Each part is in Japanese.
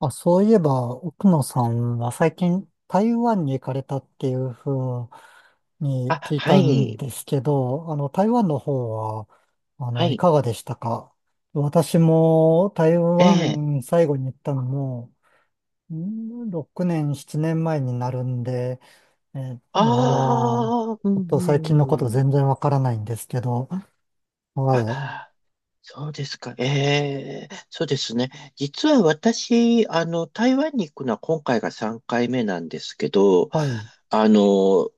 あ、そういえば、奥野さんは最近台湾に行かれたっていうふうにあ、聞いはたんい、ですけど、台湾の方は、はいい、かがでしたか。私も台ええ。湾最後に行ったのも、6年、7年前になるんで、あまあ、ちあ、うょっと最近のことん、うん。全然わからないんですけど。はあ、い、そうですか、ええ、そうですね。実は私、台湾に行くのは今回が3回目なんですけど、はい、あの、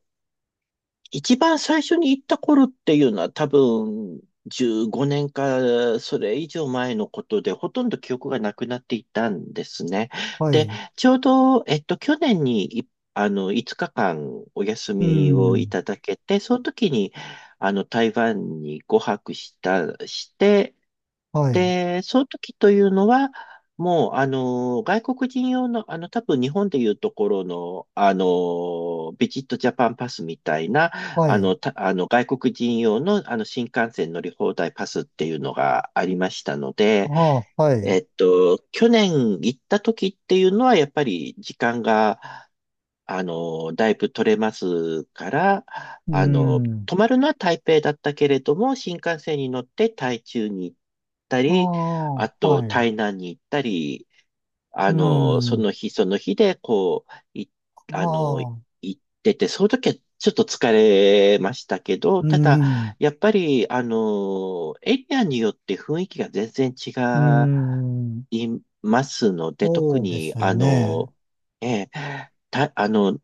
一番最初に行った頃っていうのは多分15年かそれ以上前のことでほとんど記憶がなくなっていたんですね。はで、い、ちょうど、去年にいあの5日間お休うみをいん、ただけて、その時にあの台湾にご泊した、して、はい、で、その時というのは、もう、外国人用の、多分日本でいうところの、ビジットジャパンパスみたいな、はあい、の、た、あの、外国人用の、新幹線乗り放題パスっていうのがありましたのあで、あ、はい、去年行った時っていうのは、やっぱり時間が、だいぶ取れますから、うん。泊まるのは台北だったけれども、新幹線に乗って台中に行ったあり、ああ、とはい。台南に行ったり、うそん。の日その日で、こう、い、ああの、行あ、ってて、その時はちょっと疲れましたけど、うたん。だ、やっぱり、エリアによって雰囲気が全然違うん。いますので、特そうでに、すよね。ええ、た、あの、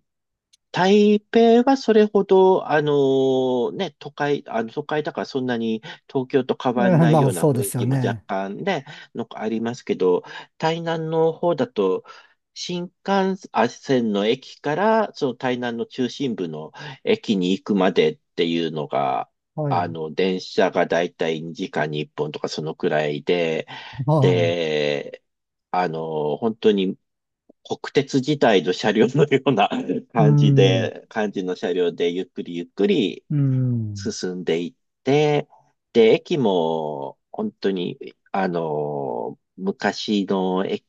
台北はそれほど、あのね、あの都会だからそんなに東京と変わんないまよあ、うなそうで雰囲すよ気も若ね。干ね、のありますけど、台南の方だと、新幹線の駅から、その台南の中心部の駅に行くまでっていうのが、はい。電車がだいたい2時間に1本とかそのくらいで、はで、本当に国鉄時代の車両のような い。うん。感じの車両でゆっくりゆっくりうん。進んでいって、で、駅も本当に、昔の駅、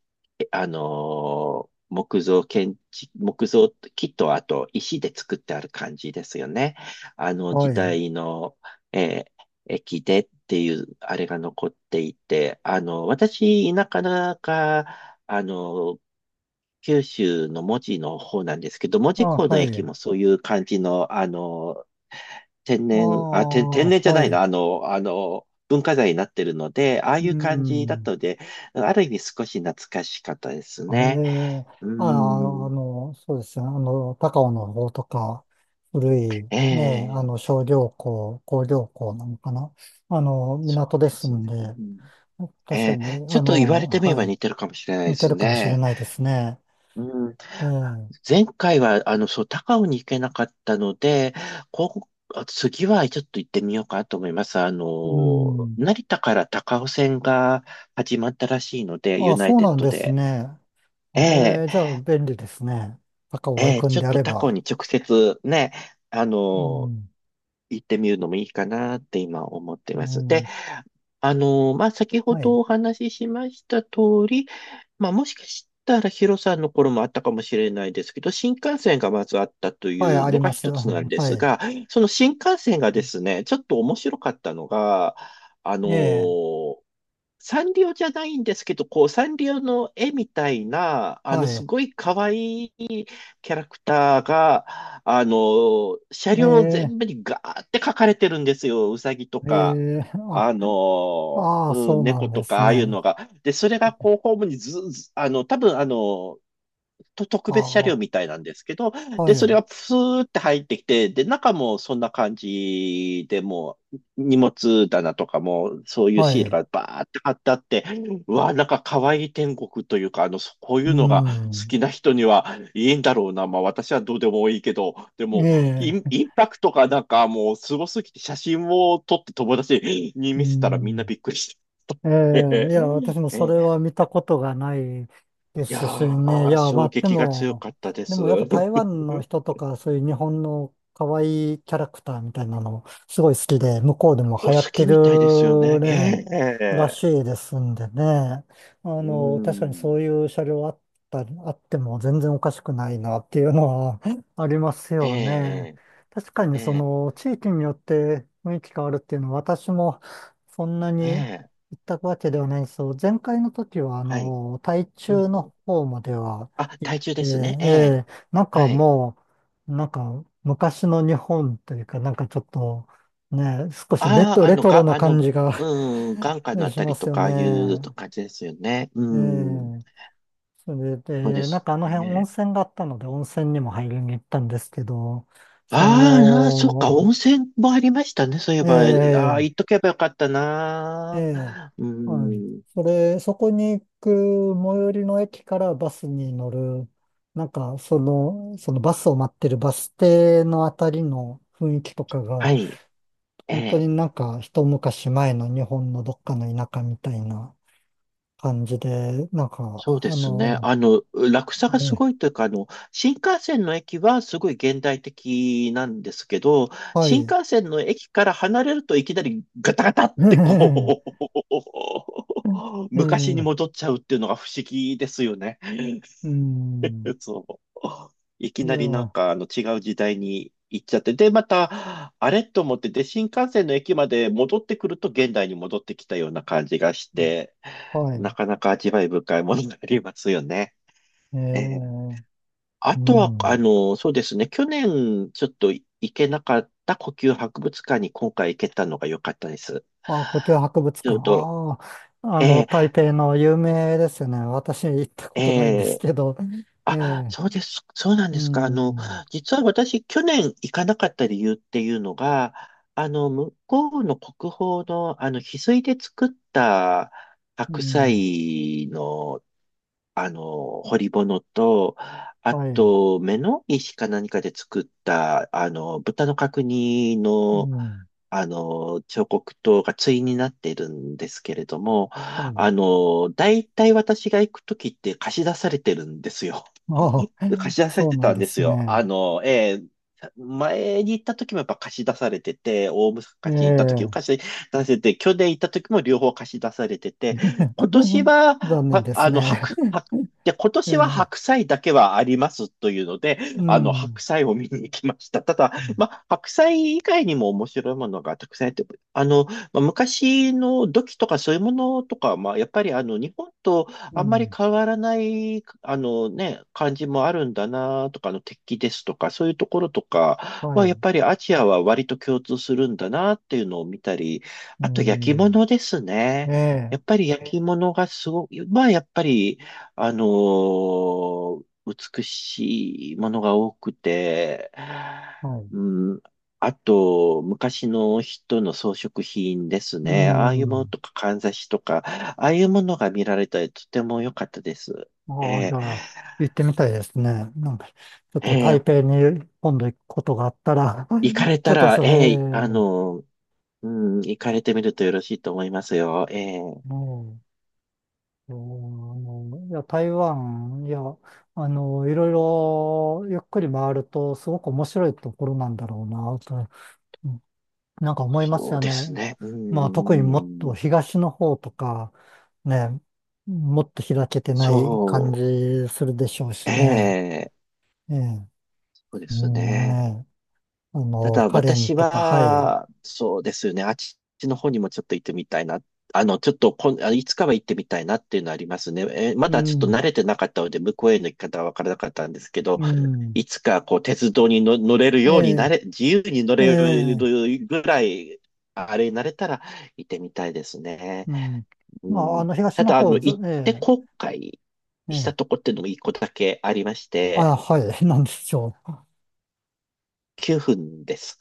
木造建築、木とあと石で作ってある感じですよね。あのは時い。代の、えー駅でっていうあれが残っていて、私、田舎だか、あの、九州の門司の方なんですけど、門司あ、港のは駅い。もそういう感じの、ああ、天然じゃはないの、い。あの、あの、文化財になってるので、ああういう感じだったん。ので、ある意味少し懐かしかったですあ、えね。え、うーああ、ん、の、そうですね。高尾の方とか、古い、ね、ええ、商業港、工業港なのかな。そ港でうですすね。んうで、ん、え確かえ、にね、ちょっと言われてみれはばい。似てるかもしれないで似てするかもしれね。ないですね。うん、ええ。前回は、高尾に行けなかったので、こう、次はちょっと行ってみようかなと思います。うん。成田から高尾線が始まったらしいので、ユあ、ナイそうテッなんドですで。ね。えええ、え、じゃあ便利ですね。高尾行ええ、くんちょでっあとれ他校ば。に直接ね、あうの、ん。行ってみるのもいいかなって今思ってうます。で、ん。まあ、先ほはい。どお話ししました通り、まあ、もしかしたらヒロさんの頃もあったかもしれないですけど、新幹線がまずあったといはい、あうりのがます。う一つなんん、ではすい。が、その新幹線がですね、ちょっと面白かったのが、あの、ええ、サンリオじゃないんですけど、こう、サンリオの絵みたいな、はすい。ごい可愛いキャラクターが、車え両え、全部にガーって書かれてるんですよ。ウサギとえか、え、あ、ああ、そうな猫んでとすか、ああいうね。のが。で、それがこう、ホームにず、ずあの、多分あの、と特あ別車両みあ、たいなんですけど、はで、それい。がプスーって入ってきて、で、中もそんな感じでもう、荷物棚とかも、そういうはシールい。がバーって貼ってあって、うわ、なんか可愛い天国というか、そこうういうのが好ん。きな人にはいいんだろうな。まあ私はどうでもいいけど、でも、ええ、インパクトがなんかもうすごすぎて写真を撮って友達にう見せたらみんなん。びっくりして。え え、えいや、私もそれは見たことがないでやすしね。いー、や、ま衝あ、で撃が強も、かったでです。もやっぱ台湾の 人とか、そういう日本の可愛いキャラクターみたいなの、すごい好きで、向こうでもお流行っ好てきみたいですよるね。えね、らしえ、いですんでね。う確かにん。そういう車両あったり、あっても全然おかしくないなっていうのは ありますよね。え確かえ、にそええ、の地域によって雰囲気変わるっていうのは、私もそんなにええ、行ったわけではないんですよ。前回の時は、はい。台う中ん、うのん。方まではあ、行っ体重でて、すね。ええ、ええ、なんかはい。もう、なんか昔の日本というか、なんかちょっと、ね、少しああ、あレの、トロが、なあの、感じが うん、眼下の あしたまりすとよか、ああいうね。感じですよね。うえん。え、それそうでで、なんすかあの辺温ね。泉があったので、温泉にも入りに行ったんですけど、そああ、そっか、の、温泉もありましたね。そういえば、ああ、ええ、行っとけばよかったえな。え、うはい。ん。そこに行く最寄りの駅からバスに乗る、なんか、そのバスを待ってるバス停のあたりの雰囲気とかが、はい。え本当にえ、なんか一昔前の日本のどっかの田舎みたいな感じで、なんか、そうですね。落差がすね、ごいというか、新幹線の駅はすごい現代的なんですけど、は新い。幹線の駅から離れるといきなりガタガタって え昔にえ、戻っちゃうっていうのが不思議ですよね。う ん、そう。いきいなや、りなんかあの違う時代に行っちゃって、で、また、あれと思って、で、新幹線の駅まで戻ってくると現代に戻ってきたような感じがして、はない。かなか味わい深いものになりますよね。えええ、え、あうとは、ん。そうですね。去年、ちょっと行けなかった故宮博物館に今回行けたのが良かったです。あ、故宮博物ちょ館。っと、ああ、ええ、台北の有名ですよね。私行ったことないんですええ、けど。えあ、え、そうです。そうなんうですか。ん、実は私、去年行かなかった理由っていうのが、向こうの国宝の、翡翠で作ったう白ん、菜の、彫り物と、あはい、と、目の石か何かで作った、豚の角煮うの、ん、彫刻刀が対になっているんですけれども、はい。大体私が行くときって貸し出されてるんですよ。ああ、貸し出されそうてなんたんでですすよ。ね。前に行った時もやっぱ貸し出されてて、大え昔行った時もえ、貸し出されて、去年行った時も両方貸し出されてて、今 年は、残念はですあの、ね。白、白、で、今 え年はえ、白菜だけはありますというので、うん、白菜を見に行きました。ただ、うん、まあ、白菜以外にも面白いものがたくさんあって、あの、まあ、昔の土器とかそういうものとか、まあ、やっぱりあの、日本とうあんまりん、変わらない、あのね、感じもあるんだなとか、あの鉄器ですとか、そういうところとかはは、やい、っぱりアジアは割と共通するんだなっていうのを見たり、うあと焼きん、物ですね。えやえ、っぱり焼き物がすごく、まあやっぱり、あのー美しいものが多くて、はい、うん、あと、昔の人の装飾品ですうね。ああいうものん。とか、かんざしとか、ああいうものが見られたり、とても良かったです。ああ、じえゃあ、行ってみたいですね。なんか、ちょっー、とえ台ー北に今度行くことがあったら、行かれ ちょたっとら、それ、ええ、行かれてみるとよろしいと思いますよ。もう、うん、いや、台湾、いや、いろいろゆっくり回ると、すごく面白いところなんだろうな、と、うん、なんか思いますそうよでね。すね。うまあ、特にもっとん、東の方とか、ね、もっと開けてない感そじするでしょうう、えしね。ー、ええ、そうでうすん、ね。ね。ただカレン私とか、はい。は、そうですね、あっちの方にもちょっと行ってみたいな。あの、ちょっとこん、あいつかは行ってみたいなっていうのはありますね。まうだちょっとん、慣れてなかったので、向こうへの行き方はわからなかったんですけど、うん、いつかこう、鉄道にの乗れるえようになえ、れ、自由に乗えれるえ、ぐらい、あれになれたら行ってみたいですね。うん。うまあ、ん。東たのだ、方、ず、行ってえ後悔え、えしたえ、とこっていうのも一個だけありましあ、て、はい、なんでしょう。9分です。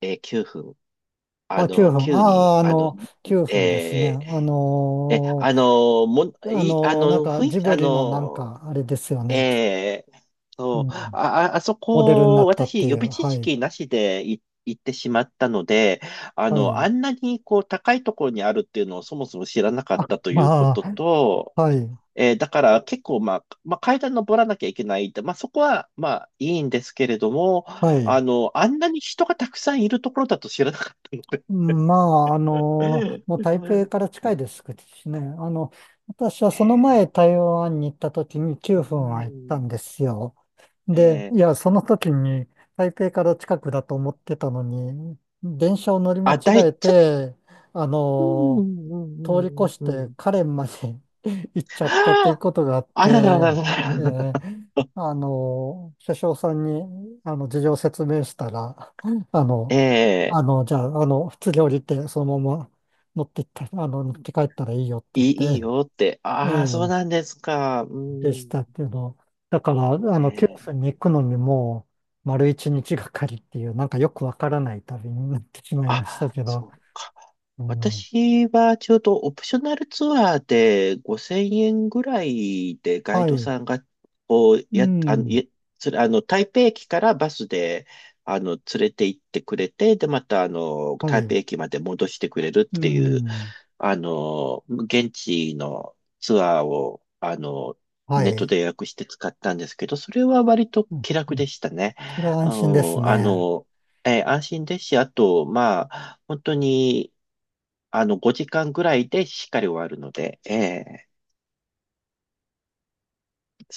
えー、9分。ああ、9の、分。急に、ああ、ああの、の、9分ですね。えーえ、あの、も、い、あなんの、か、ふジい、ブあリのなんの、か、あれですよね。えーうそう、ん、あ、ああそモデルになこ、ったって私、予いう、備知はい、識なしで行ってしまったので、はあい。んなに、こう、高いところにあるっていうのをそもそも知らなかっあ、たというこまとあ、と、はい、だから結構、まあ、階段登らなきゃいけないって、まあ、そこは、まあ、いいんですけれども、はい。あんなに人がたくさんいるところだと知らなかっまあ、たもう台の北で、 から近い ですしね。私はえその前え、台湾に行った時にう9分は行ったん、んですよ。えで、え、いや、あ、その時に台北から近くだと思ってたのに、電車を乗り間あだ違い、えちょっと、て、あうん、うの、ん、う通り越ん、しうん、うてん。カレンまで 行っちゃあったということがあっあ、あららて、らららえらら。ー、車掌さんに、事情を説明したら、あの、ええ、じゃあ、普通に降りて、そのまま持って行って、持って帰ったらいいよって言いい、っいいて、よって。えああ、そうなんえ、ですか。うでしん。たけど、だから、え九え、州に行くのにもう、丸一日がかりっていう、なんかよくわからない旅になってしまいましたあ、けど、そうか。うん、私はちょうどオプショナルツアーで5000円ぐらいでガイはドい、さんが、こう、うや、あの、ん、いそれ、台北駅からバスで、連れて行ってくれて、で、また、は台北い。駅まで戻してくれるっうていうん。現地のツアーを、はネットい。で予約して使ったんですけど、それは割とうん。気う楽ん、でしたね。それはあ安心ですの、あね。のえー、安心ですし、あと、まあ、本当に、5時間ぐらいでしっかり終わるので、ええ